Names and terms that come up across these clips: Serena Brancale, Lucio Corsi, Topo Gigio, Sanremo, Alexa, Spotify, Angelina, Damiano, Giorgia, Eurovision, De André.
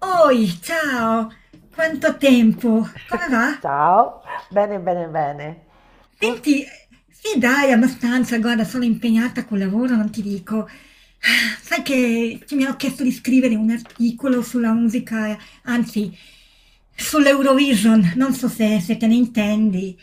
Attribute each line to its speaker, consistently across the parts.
Speaker 1: Oi, ciao! Quanto tempo! Come va?
Speaker 2: Ciao, bene, bene, bene. Tu?
Speaker 1: Senti, sì dai, abbastanza, guarda, sono impegnata col lavoro, non ti dico. Ah, sai che mi hanno chiesto di scrivere un articolo sulla musica, anzi, sull'Eurovision, non so se te ne intendi.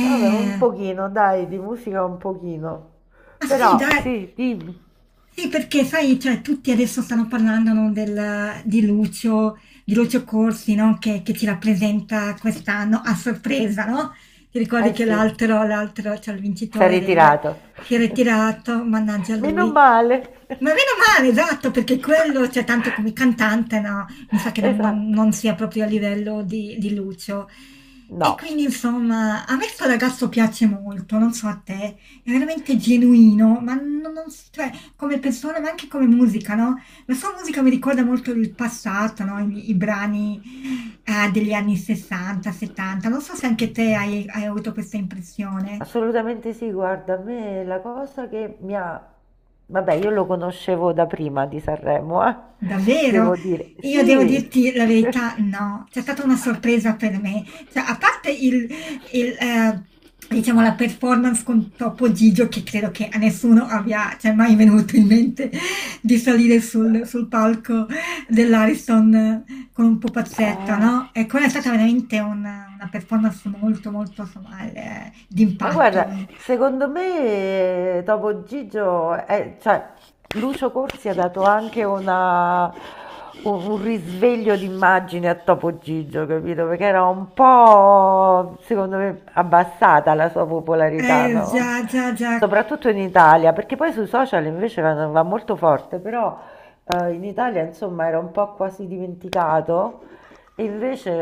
Speaker 2: Vabbè, un pochino, dai, di musica un pochino.
Speaker 1: Ma sì,
Speaker 2: Però,
Speaker 1: dai.
Speaker 2: sì, dimmi.
Speaker 1: Sì, perché sai, cioè, tutti adesso stanno parlando, no, di Lucio Corsi, no, che ci rappresenta quest'anno a sorpresa, no? Ti ricordi
Speaker 2: Eh
Speaker 1: che
Speaker 2: sì,
Speaker 1: l'altro, cioè il
Speaker 2: si è
Speaker 1: vincitore del...
Speaker 2: ritirato.
Speaker 1: si è ritirato, mannaggia a
Speaker 2: Meno
Speaker 1: lui.
Speaker 2: male.
Speaker 1: Ma meno male, esatto, perché quello, cioè, tanto come cantante, no, mi sa che
Speaker 2: Esatto.
Speaker 1: non sia proprio a livello di Lucio. E
Speaker 2: No,
Speaker 1: quindi, insomma, a me sto ragazzo piace molto, non so a te. È veramente genuino, ma non, non s- cioè, come persona, ma anche come musica, no? La sua musica mi ricorda molto il passato, no? I brani degli anni 60, 70. Non so se anche te hai avuto questa impressione.
Speaker 2: assolutamente sì, guarda, a me la cosa che mi ha... Vabbè, io lo conoscevo da prima di Sanremo,
Speaker 1: Davvero?
Speaker 2: devo dire.
Speaker 1: Io devo
Speaker 2: Sì.
Speaker 1: dirti la verità, no, c'è stata una sorpresa per me. Cioè, a parte il, eh, diciamo, la performance con Topo Gigio, che credo che a nessuno abbia, cioè, mai venuto in mente di salire sul palco dell'Ariston con un pupazzetta,
Speaker 2: Eh.
Speaker 1: no? E quella è stata veramente una performance molto, molto, insomma,
Speaker 2: Ma guarda,
Speaker 1: d'impatto.
Speaker 2: secondo me dopo Gigio, cioè, Lucio Corsi ha dato anche un risveglio d'immagine a Topo Gigio, capito? Perché era un po', secondo me, abbassata la sua popolarità, no?
Speaker 1: Già, già, già.
Speaker 2: Soprattutto in Italia, perché poi sui social invece va, va molto forte, però in Italia, insomma, era un po' quasi dimenticato. Invece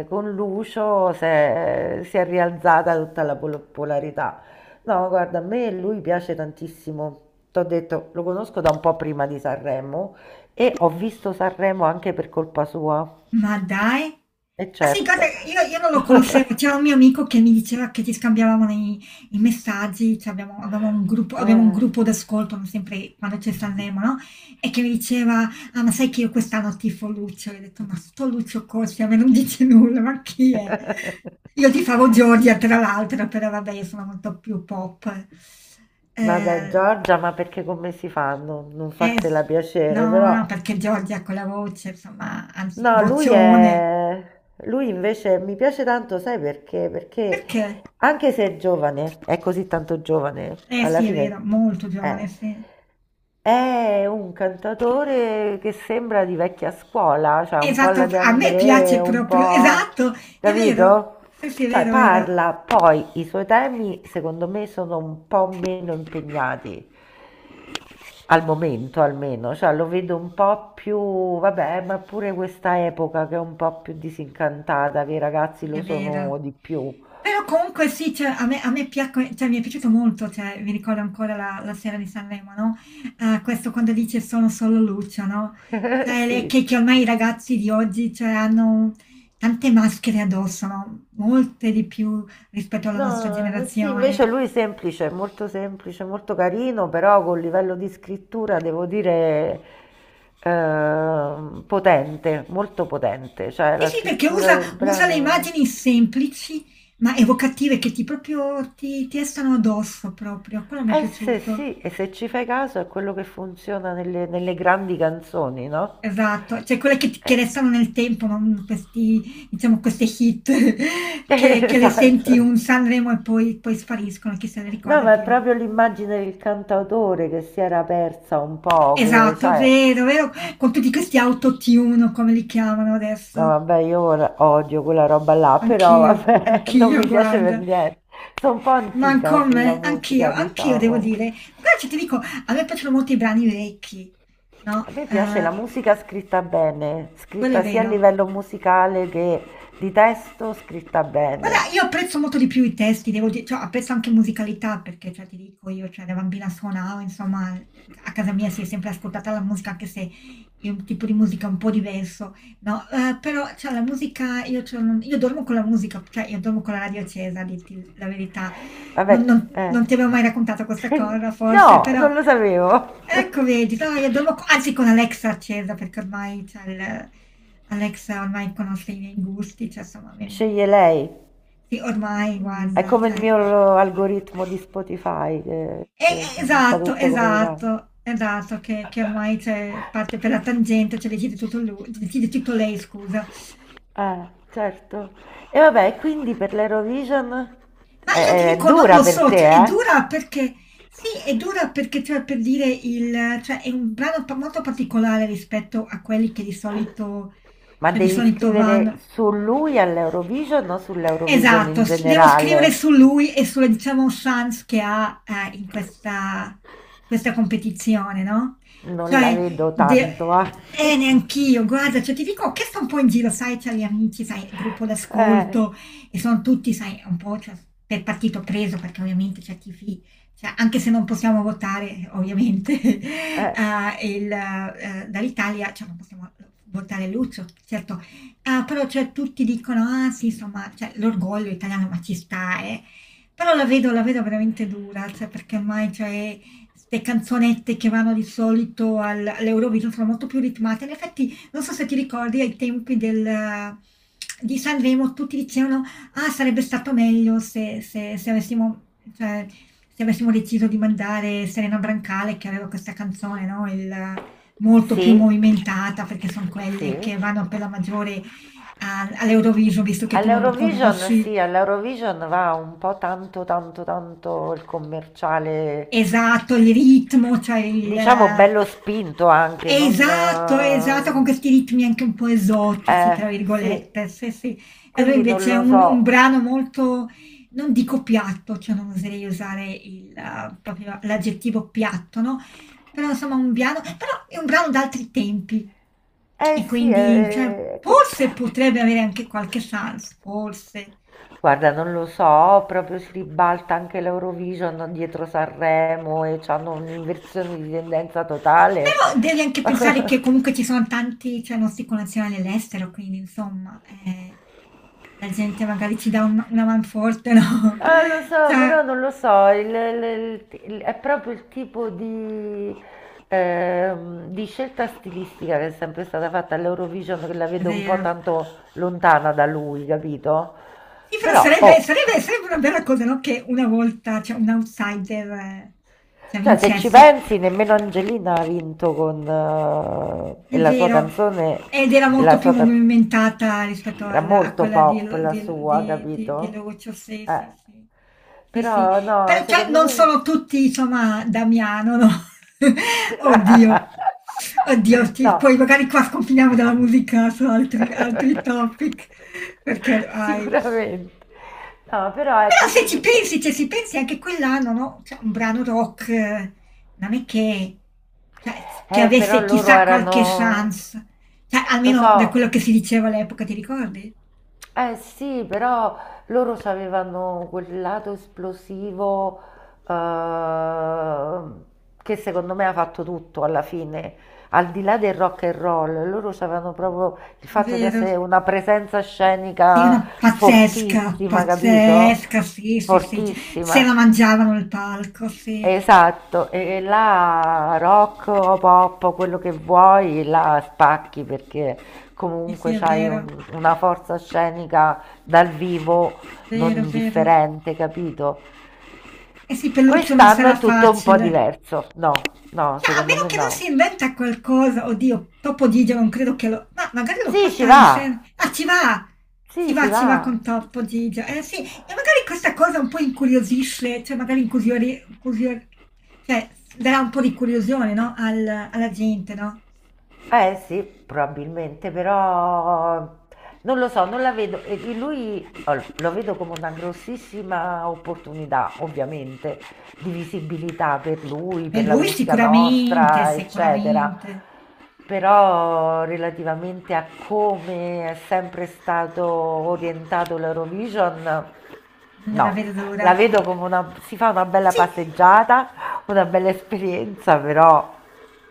Speaker 2: con Lucio si è rialzata tutta la polarità. No, guarda, a me lui piace tantissimo. T'ho detto, lo conosco da un po' prima di Sanremo e ho visto Sanremo anche per colpa sua.
Speaker 1: Ma dai!
Speaker 2: E
Speaker 1: Ma sì,
Speaker 2: certo.
Speaker 1: guarda, io non lo conoscevo, c'era un mio amico che mi diceva che ci scambiavamo i messaggi, cioè avevamo un gruppo, abbiamo un
Speaker 2: Eh.
Speaker 1: gruppo d'ascolto, no, sempre quando c'è Sanremo, no? E che mi diceva, ah ma sai che io quest'anno tifo Lucio? E ho detto, ma sto Lucio Corsi a me non dice nulla, ma chi è? Io tifavo Giorgia, tra l'altro, però vabbè, io sono molto più pop.
Speaker 2: Vabbè,
Speaker 1: Eh,
Speaker 2: Giorgia, ma perché come si fa a non
Speaker 1: eh,
Speaker 2: farsela
Speaker 1: s-
Speaker 2: piacere?
Speaker 1: no, no,
Speaker 2: Però
Speaker 1: perché Giorgia ha quella voce, insomma, anzi,
Speaker 2: no, lui
Speaker 1: vocione.
Speaker 2: è... Lui invece mi piace tanto, sai perché? Perché
Speaker 1: Perché?
Speaker 2: anche se è giovane, è così tanto giovane,
Speaker 1: Eh
Speaker 2: alla
Speaker 1: sì, è
Speaker 2: fine
Speaker 1: vero, molto
Speaker 2: è,
Speaker 1: giovane, sì.
Speaker 2: è un cantatore che sembra di vecchia scuola, cioè un po' alla
Speaker 1: Esatto,
Speaker 2: De
Speaker 1: a me
Speaker 2: André,
Speaker 1: piace
Speaker 2: un
Speaker 1: proprio,
Speaker 2: po'...
Speaker 1: esatto, è vero.
Speaker 2: capito?
Speaker 1: Sì, sì, è
Speaker 2: Cioè
Speaker 1: vero, è vero.
Speaker 2: parla, poi i suoi temi secondo me sono un po' meno impegnati. Al momento almeno, cioè lo vedo un po' più, vabbè, ma pure questa epoca che è un po' più disincantata, che i ragazzi
Speaker 1: Sì,
Speaker 2: lo
Speaker 1: è
Speaker 2: sono
Speaker 1: vero.
Speaker 2: di più.
Speaker 1: Però comunque sì, cioè, a me cioè, mi è piaciuto molto, cioè, mi ricordo ancora la sera di Sanremo, no? Questo quando dice sono solo Lucio, no? Cioè,
Speaker 2: Sì.
Speaker 1: che ormai i ragazzi di oggi, cioè, hanno tante maschere addosso, no? Molte di più rispetto alla nostra
Speaker 2: No, sì, invece
Speaker 1: generazione.
Speaker 2: lui è semplice, molto carino, però col livello di scrittura devo dire potente, molto potente, cioè
Speaker 1: Sì,
Speaker 2: la
Speaker 1: sì, perché
Speaker 2: scrittura del
Speaker 1: usa le
Speaker 2: brano.
Speaker 1: immagini semplici ma evocative che ti restano addosso proprio. Quello mi è
Speaker 2: Se
Speaker 1: piaciuto.
Speaker 2: sì, e se ci fai caso è quello che funziona nelle, nelle grandi canzoni, no?
Speaker 1: Esatto, cioè quelle che
Speaker 2: Eh,
Speaker 1: restano nel tempo, non questi, diciamo, queste hit che le senti
Speaker 2: esatto.
Speaker 1: un Sanremo e poi spariscono, chi se ne
Speaker 2: No,
Speaker 1: ricorda
Speaker 2: ma è
Speaker 1: più.
Speaker 2: proprio l'immagine del cantautore che si era persa un po', che
Speaker 1: Esatto,
Speaker 2: sai,
Speaker 1: vero, vero, con tutti questi autotune, o come li chiamano
Speaker 2: no,
Speaker 1: adesso.
Speaker 2: vabbè, io ora odio quella roba là, però
Speaker 1: Anch'io,
Speaker 2: vabbè, non
Speaker 1: anch'io,
Speaker 2: mi piace per
Speaker 1: guarda.
Speaker 2: niente. Sono un po'
Speaker 1: Ma
Speaker 2: antica sulla
Speaker 1: come? Anch'io,
Speaker 2: musica,
Speaker 1: anch'io devo
Speaker 2: diciamo.
Speaker 1: dire. Guarda che ti dico, a me piacciono molto i brani vecchi,
Speaker 2: A
Speaker 1: no?
Speaker 2: me piace la musica scritta bene,
Speaker 1: Quello è
Speaker 2: scritta sia a
Speaker 1: vero.
Speaker 2: livello musicale che di testo, scritta bene.
Speaker 1: Guarda, io apprezzo molto di più i testi, devo dire, cioè, apprezzo anche musicalità, perché, cioè, ti dico, io, cioè, da bambina suonavo, insomma, a casa mia si è sempre ascoltata la musica, anche se è un tipo di musica un po' diverso, no? Però, cioè, la musica, io, cioè, io dormo con la musica, cioè, io dormo con la radio accesa, a dirti la verità. Non,
Speaker 2: Vabbè,
Speaker 1: non
Speaker 2: eh.
Speaker 1: non ti avevo mai raccontato questa cosa, forse,
Speaker 2: No,
Speaker 1: però...
Speaker 2: non lo sapevo.
Speaker 1: Ecco, vedi, no, io devo, anzi con Alexa accesa, perché ormai Alexa ormai conosce i miei gusti, cioè insomma,
Speaker 2: Sceglie lei.
Speaker 1: sì, ormai
Speaker 2: È
Speaker 1: guarda,
Speaker 2: come il
Speaker 1: cioè,
Speaker 2: mio algoritmo di Spotify
Speaker 1: e-
Speaker 2: che mi fa
Speaker 1: esatto,
Speaker 2: tutto come gli va.
Speaker 1: esatto, esatto, che ormai c'è, parte per la tangente, cioè decide tutto lui, decide tutto lei, scusa.
Speaker 2: Certo. E vabbè, quindi per l'Eurovision?
Speaker 1: Ma io ti
Speaker 2: È
Speaker 1: dico, non
Speaker 2: dura
Speaker 1: lo
Speaker 2: per
Speaker 1: so, cioè,
Speaker 2: te,
Speaker 1: è
Speaker 2: eh?
Speaker 1: dura perché, sì, è dura perché, cioè, per dire, il, cioè, è un brano molto particolare rispetto a quelli che di solito,
Speaker 2: Ma
Speaker 1: cioè, di
Speaker 2: devi
Speaker 1: solito
Speaker 2: scrivere
Speaker 1: vanno.
Speaker 2: su lui all'Eurovision o sull'Eurovision in
Speaker 1: Esatto, devo scrivere su
Speaker 2: generale?
Speaker 1: lui e sulle, diciamo, chance che ha in questa competizione, no?
Speaker 2: Non la
Speaker 1: Cioè,
Speaker 2: vedo
Speaker 1: de-
Speaker 2: tanto, ah.
Speaker 1: neanch'io, guarda, cioè, ti dico, ho chiesto un po' in giro, sai, tra gli amici, sai, il gruppo
Speaker 2: Eh,
Speaker 1: d'ascolto, e sono tutti, sai, un po' cioè, per partito preso, perché ovviamente cioè, anche se non possiamo votare, ovviamente,
Speaker 2: eh,
Speaker 1: dall'Italia, cioè, non possiamo votare Lucio, certo. Ah, però cioè tutti dicono: "Ah sì, insomma, cioè l'orgoglio italiano, ma ci sta, eh". Però la vedo veramente dura, cioè perché ormai, cioè, 'ste canzonette che vanno di solito al all'Eurovision sono molto più ritmate. In effetti, non so se ti ricordi ai tempi del di Sanremo tutti dicevano: "Ah, sarebbe stato meglio se avessimo cioè, se avessimo deciso di mandare Serena Brancale", che aveva questa canzone, no, il molto più
Speaker 2: sì,
Speaker 1: movimentata, perché son quelle
Speaker 2: sì.
Speaker 1: che vanno per la maggiore all'Eurovision, visto che tu non lo
Speaker 2: All'Eurovision, sì,
Speaker 1: conosci.
Speaker 2: all'Eurovision va un po' tanto, tanto, tanto il commerciale.
Speaker 1: Esatto, il ritmo, cioè il...
Speaker 2: Diciamo bello spinto anche, non...
Speaker 1: Esatto, esatto, con questi ritmi anche un po' esotici, tra
Speaker 2: Sì,
Speaker 1: virgolette. Sì, sì. E allora
Speaker 2: quindi non
Speaker 1: invece è
Speaker 2: lo
Speaker 1: un
Speaker 2: so.
Speaker 1: brano molto, non dico piatto, cioè non oserei usare proprio l'aggettivo piatto, no? Però insomma un piano, però è un brano d'altri tempi.
Speaker 2: Eh
Speaker 1: E
Speaker 2: sì,
Speaker 1: quindi, cioè, forse potrebbe avere anche qualche chance, forse.
Speaker 2: guarda, non lo so, proprio si ribalta anche l'Eurovision dietro Sanremo e hanno un'inversione di tendenza totale.
Speaker 1: Però devi anche pensare che comunque ci sono tanti, cioè nostri connazionali all'estero, quindi insomma, la gente magari ci dà una man forte, no?
Speaker 2: Lo so, però
Speaker 1: Cioè,
Speaker 2: non lo so, è proprio il tipo di scelta stilistica che è sempre stata fatta all'Eurovision, che la
Speaker 1: è
Speaker 2: vedo un po'
Speaker 1: vero.
Speaker 2: tanto lontana da lui, capito?
Speaker 1: Sì, però
Speaker 2: Però, oh,
Speaker 1: sarebbe una bella cosa, no? Che una volta, cioè, un outsider, cioè,
Speaker 2: cioè se ci
Speaker 1: vincesse.
Speaker 2: pensi, nemmeno Angelina ha vinto con
Speaker 1: È
Speaker 2: la sua
Speaker 1: vero,
Speaker 2: canzone,
Speaker 1: ed era
Speaker 2: la
Speaker 1: molto più
Speaker 2: sua ca-
Speaker 1: movimentata rispetto
Speaker 2: era
Speaker 1: al a
Speaker 2: molto
Speaker 1: quella di
Speaker 2: pop
Speaker 1: l
Speaker 2: la sua,
Speaker 1: di
Speaker 2: capito?
Speaker 1: Lucio, sì,
Speaker 2: Eh.
Speaker 1: sì, sì. Sì, sì.
Speaker 2: Però no,
Speaker 1: Però cioè
Speaker 2: secondo
Speaker 1: non
Speaker 2: me
Speaker 1: sono tutti insomma Damiano, no. Oddio, oddio sì,
Speaker 2: no.
Speaker 1: poi magari qua sconfiniamo dalla musica su altri topic, perché ormai
Speaker 2: Sicuramente. No, però
Speaker 1: però
Speaker 2: ecco,
Speaker 1: se ci pensi, cioè se pensi anche quell'anno, no? Cioè, un brano rock non è che, cioè, che
Speaker 2: però
Speaker 1: avesse
Speaker 2: loro
Speaker 1: chissà qualche
Speaker 2: erano,
Speaker 1: chance, cioè,
Speaker 2: lo
Speaker 1: almeno da
Speaker 2: so,
Speaker 1: quello che si diceva all'epoca, ti ricordi?
Speaker 2: eh sì, però loro c'avevano quel lato esplosivo, ehm, che secondo me ha fatto tutto alla fine, al di là del rock and roll, loro c'avevano proprio il
Speaker 1: È
Speaker 2: fatto di
Speaker 1: vero.
Speaker 2: essere una presenza
Speaker 1: Sì,
Speaker 2: scenica
Speaker 1: una pazzesca,
Speaker 2: fortissima, capito?
Speaker 1: pazzesca, sì, sì, sì, cioè, se la
Speaker 2: Fortissima.
Speaker 1: mangiavano il palco, sì,
Speaker 2: Esatto, e là rock o pop, o quello che vuoi, la spacchi perché
Speaker 1: sì, sì,
Speaker 2: comunque
Speaker 1: è vero,
Speaker 2: una forza scenica dal vivo non
Speaker 1: vero, vero.
Speaker 2: indifferente, capito?
Speaker 1: E sì, Pelluccio non
Speaker 2: Quest'anno
Speaker 1: sarà
Speaker 2: è tutto un po'
Speaker 1: facile.
Speaker 2: diverso. No, no,
Speaker 1: Cioè, a
Speaker 2: secondo
Speaker 1: meno
Speaker 2: me
Speaker 1: che non si
Speaker 2: no.
Speaker 1: inventa qualcosa, oddio, Topodigia non credo che lo... Ma magari lo
Speaker 2: Sì, ci
Speaker 1: porta in
Speaker 2: va.
Speaker 1: scena. Ah, ci va! Ci
Speaker 2: Sì, ci
Speaker 1: va, ci va
Speaker 2: va.
Speaker 1: con Topodigia. Eh sì, e magari questa cosa un po' incuriosisce, cioè cioè, darà un po' di curiosione, no? Alla gente, no?
Speaker 2: Eh sì, probabilmente, però non lo so, non la vedo. E lui oh, lo vedo come una grossissima opportunità, ovviamente, di visibilità per lui,
Speaker 1: E
Speaker 2: per la
Speaker 1: lui
Speaker 2: musica
Speaker 1: sicuramente,
Speaker 2: nostra, eccetera.
Speaker 1: sicuramente,
Speaker 2: Però relativamente a come è sempre stato orientato l'Eurovision,
Speaker 1: non la
Speaker 2: no,
Speaker 1: vedo d'ora.
Speaker 2: la vedo come una, si fa una bella
Speaker 1: Sì,
Speaker 2: passeggiata, una bella esperienza, però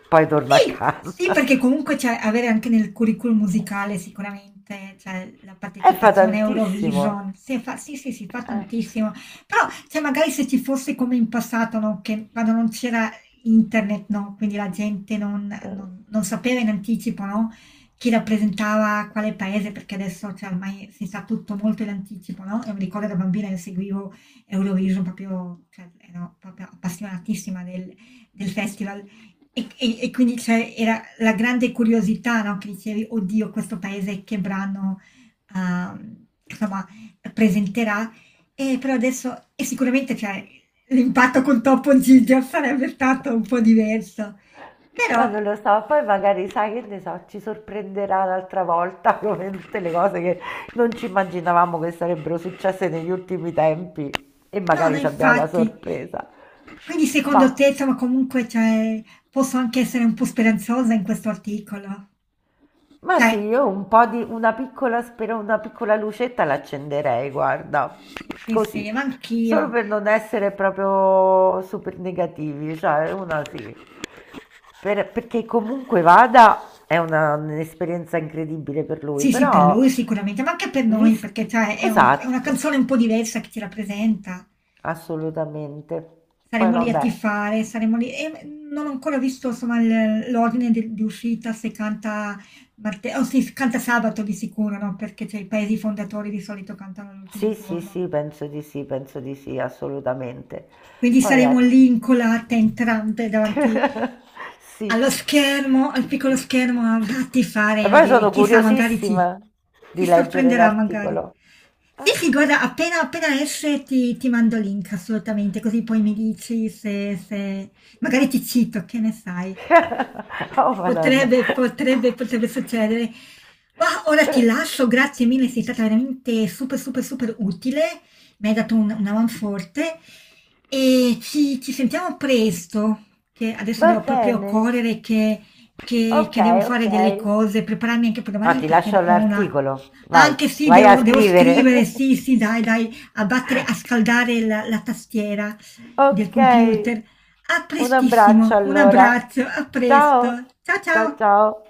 Speaker 2: poi torna a
Speaker 1: sì,
Speaker 2: casa.
Speaker 1: sì, perché comunque cioè, avere anche nel curriculum musicale sicuramente cioè, la
Speaker 2: E fa
Speaker 1: partecipazione a
Speaker 2: tantissimo.
Speaker 1: Eurovision, si fa, sì, sì, si fa
Speaker 2: Eh,
Speaker 1: tantissimo, però cioè, magari se ci fosse come in passato, no, che quando non c'era internet, no, quindi la gente non sapeva in anticipo, no, chi rappresentava quale paese, perché adesso cioè, ormai si sa tutto molto in anticipo, no? Io mi ricordo da bambina che seguivo Eurovision proprio, cioè, ero proprio appassionatissima del festival. E quindi c'è era la grande curiosità, no? Che dicevi, oddio, questo paese che brano, insomma, presenterà. E però adesso, e sicuramente cioè, l'impatto con Toppo Giger sarebbe stato un po' diverso.
Speaker 2: ma
Speaker 1: Però,
Speaker 2: non lo so, poi magari sai che ne so, ci sorprenderà un'altra volta come tutte le cose che non ci immaginavamo che sarebbero successe negli ultimi tempi, e
Speaker 1: no, no,
Speaker 2: magari ci abbiamo la
Speaker 1: infatti.
Speaker 2: sorpresa.
Speaker 1: Quindi secondo
Speaker 2: Ma,
Speaker 1: te, insomma, comunque, cioè, posso anche essere un po' speranzosa in questo articolo?
Speaker 2: ma sì,
Speaker 1: Cioè,
Speaker 2: io un po' di una piccola, spero, una piccola lucetta l'accenderei, guarda,
Speaker 1: dici, sì,
Speaker 2: così,
Speaker 1: sì, ma
Speaker 2: solo
Speaker 1: anch'io.
Speaker 2: per non essere proprio super negativi, cioè una sì. Perché comunque vada è un'esperienza incredibile per lui,
Speaker 1: Sì, sì, per
Speaker 2: però
Speaker 1: lui sicuramente, ma anche per noi,
Speaker 2: vis-
Speaker 1: perché cioè, è, è una
Speaker 2: esatto,
Speaker 1: canzone un po' diversa che ci rappresenta.
Speaker 2: assolutamente. Poi
Speaker 1: Saremo lì a
Speaker 2: vabbè,
Speaker 1: tifare, saremo lì... E non ho ancora visto insomma, l'ordine di uscita, se canta, oh, sì, se canta sabato di sicuro, no? Perché cioè, i paesi fondatori di solito cantano l'ultimo
Speaker 2: sì, sì,
Speaker 1: giorno.
Speaker 2: sì, penso di sì, penso di sì, assolutamente.
Speaker 1: Quindi
Speaker 2: Poi
Speaker 1: saremo
Speaker 2: ecco,
Speaker 1: lì incolate, entrambe, davanti
Speaker 2: sì.
Speaker 1: allo schermo, al piccolo schermo, a ti
Speaker 2: E
Speaker 1: fare
Speaker 2: poi
Speaker 1: vedere,
Speaker 2: sono
Speaker 1: chissà magari
Speaker 2: curiosissima
Speaker 1: ti
Speaker 2: di leggere
Speaker 1: sorprenderà magari.
Speaker 2: l'articolo. Ah.
Speaker 1: Sì, sì, guarda, appena appena esce ti mando il link assolutamente, così poi mi dici se magari ti cito, che ne sai.
Speaker 2: Oh, Madonna.
Speaker 1: Potrebbe, potrebbe, potrebbe succedere. Ma ora ti lascio, grazie mille, sei stata veramente super, super, super utile. Mi hai dato una man forte e ci sentiamo presto, che adesso
Speaker 2: Va
Speaker 1: devo proprio
Speaker 2: bene.
Speaker 1: correre,
Speaker 2: Ok,
Speaker 1: che devo
Speaker 2: ok.
Speaker 1: fare delle cose, prepararmi anche per
Speaker 2: No,
Speaker 1: domani
Speaker 2: ti lascio
Speaker 1: perché ho una...
Speaker 2: l'articolo. Vai,
Speaker 1: Anche sì,
Speaker 2: vai a
Speaker 1: devo, devo scrivere,
Speaker 2: scrivere.
Speaker 1: sì, sì, dai, dai, a battere, a scaldare la tastiera del
Speaker 2: Ok.
Speaker 1: computer. A
Speaker 2: Un abbraccio
Speaker 1: prestissimo, un
Speaker 2: allora.
Speaker 1: abbraccio, a presto.
Speaker 2: Ciao.
Speaker 1: Ciao
Speaker 2: Ciao
Speaker 1: ciao.
Speaker 2: ciao.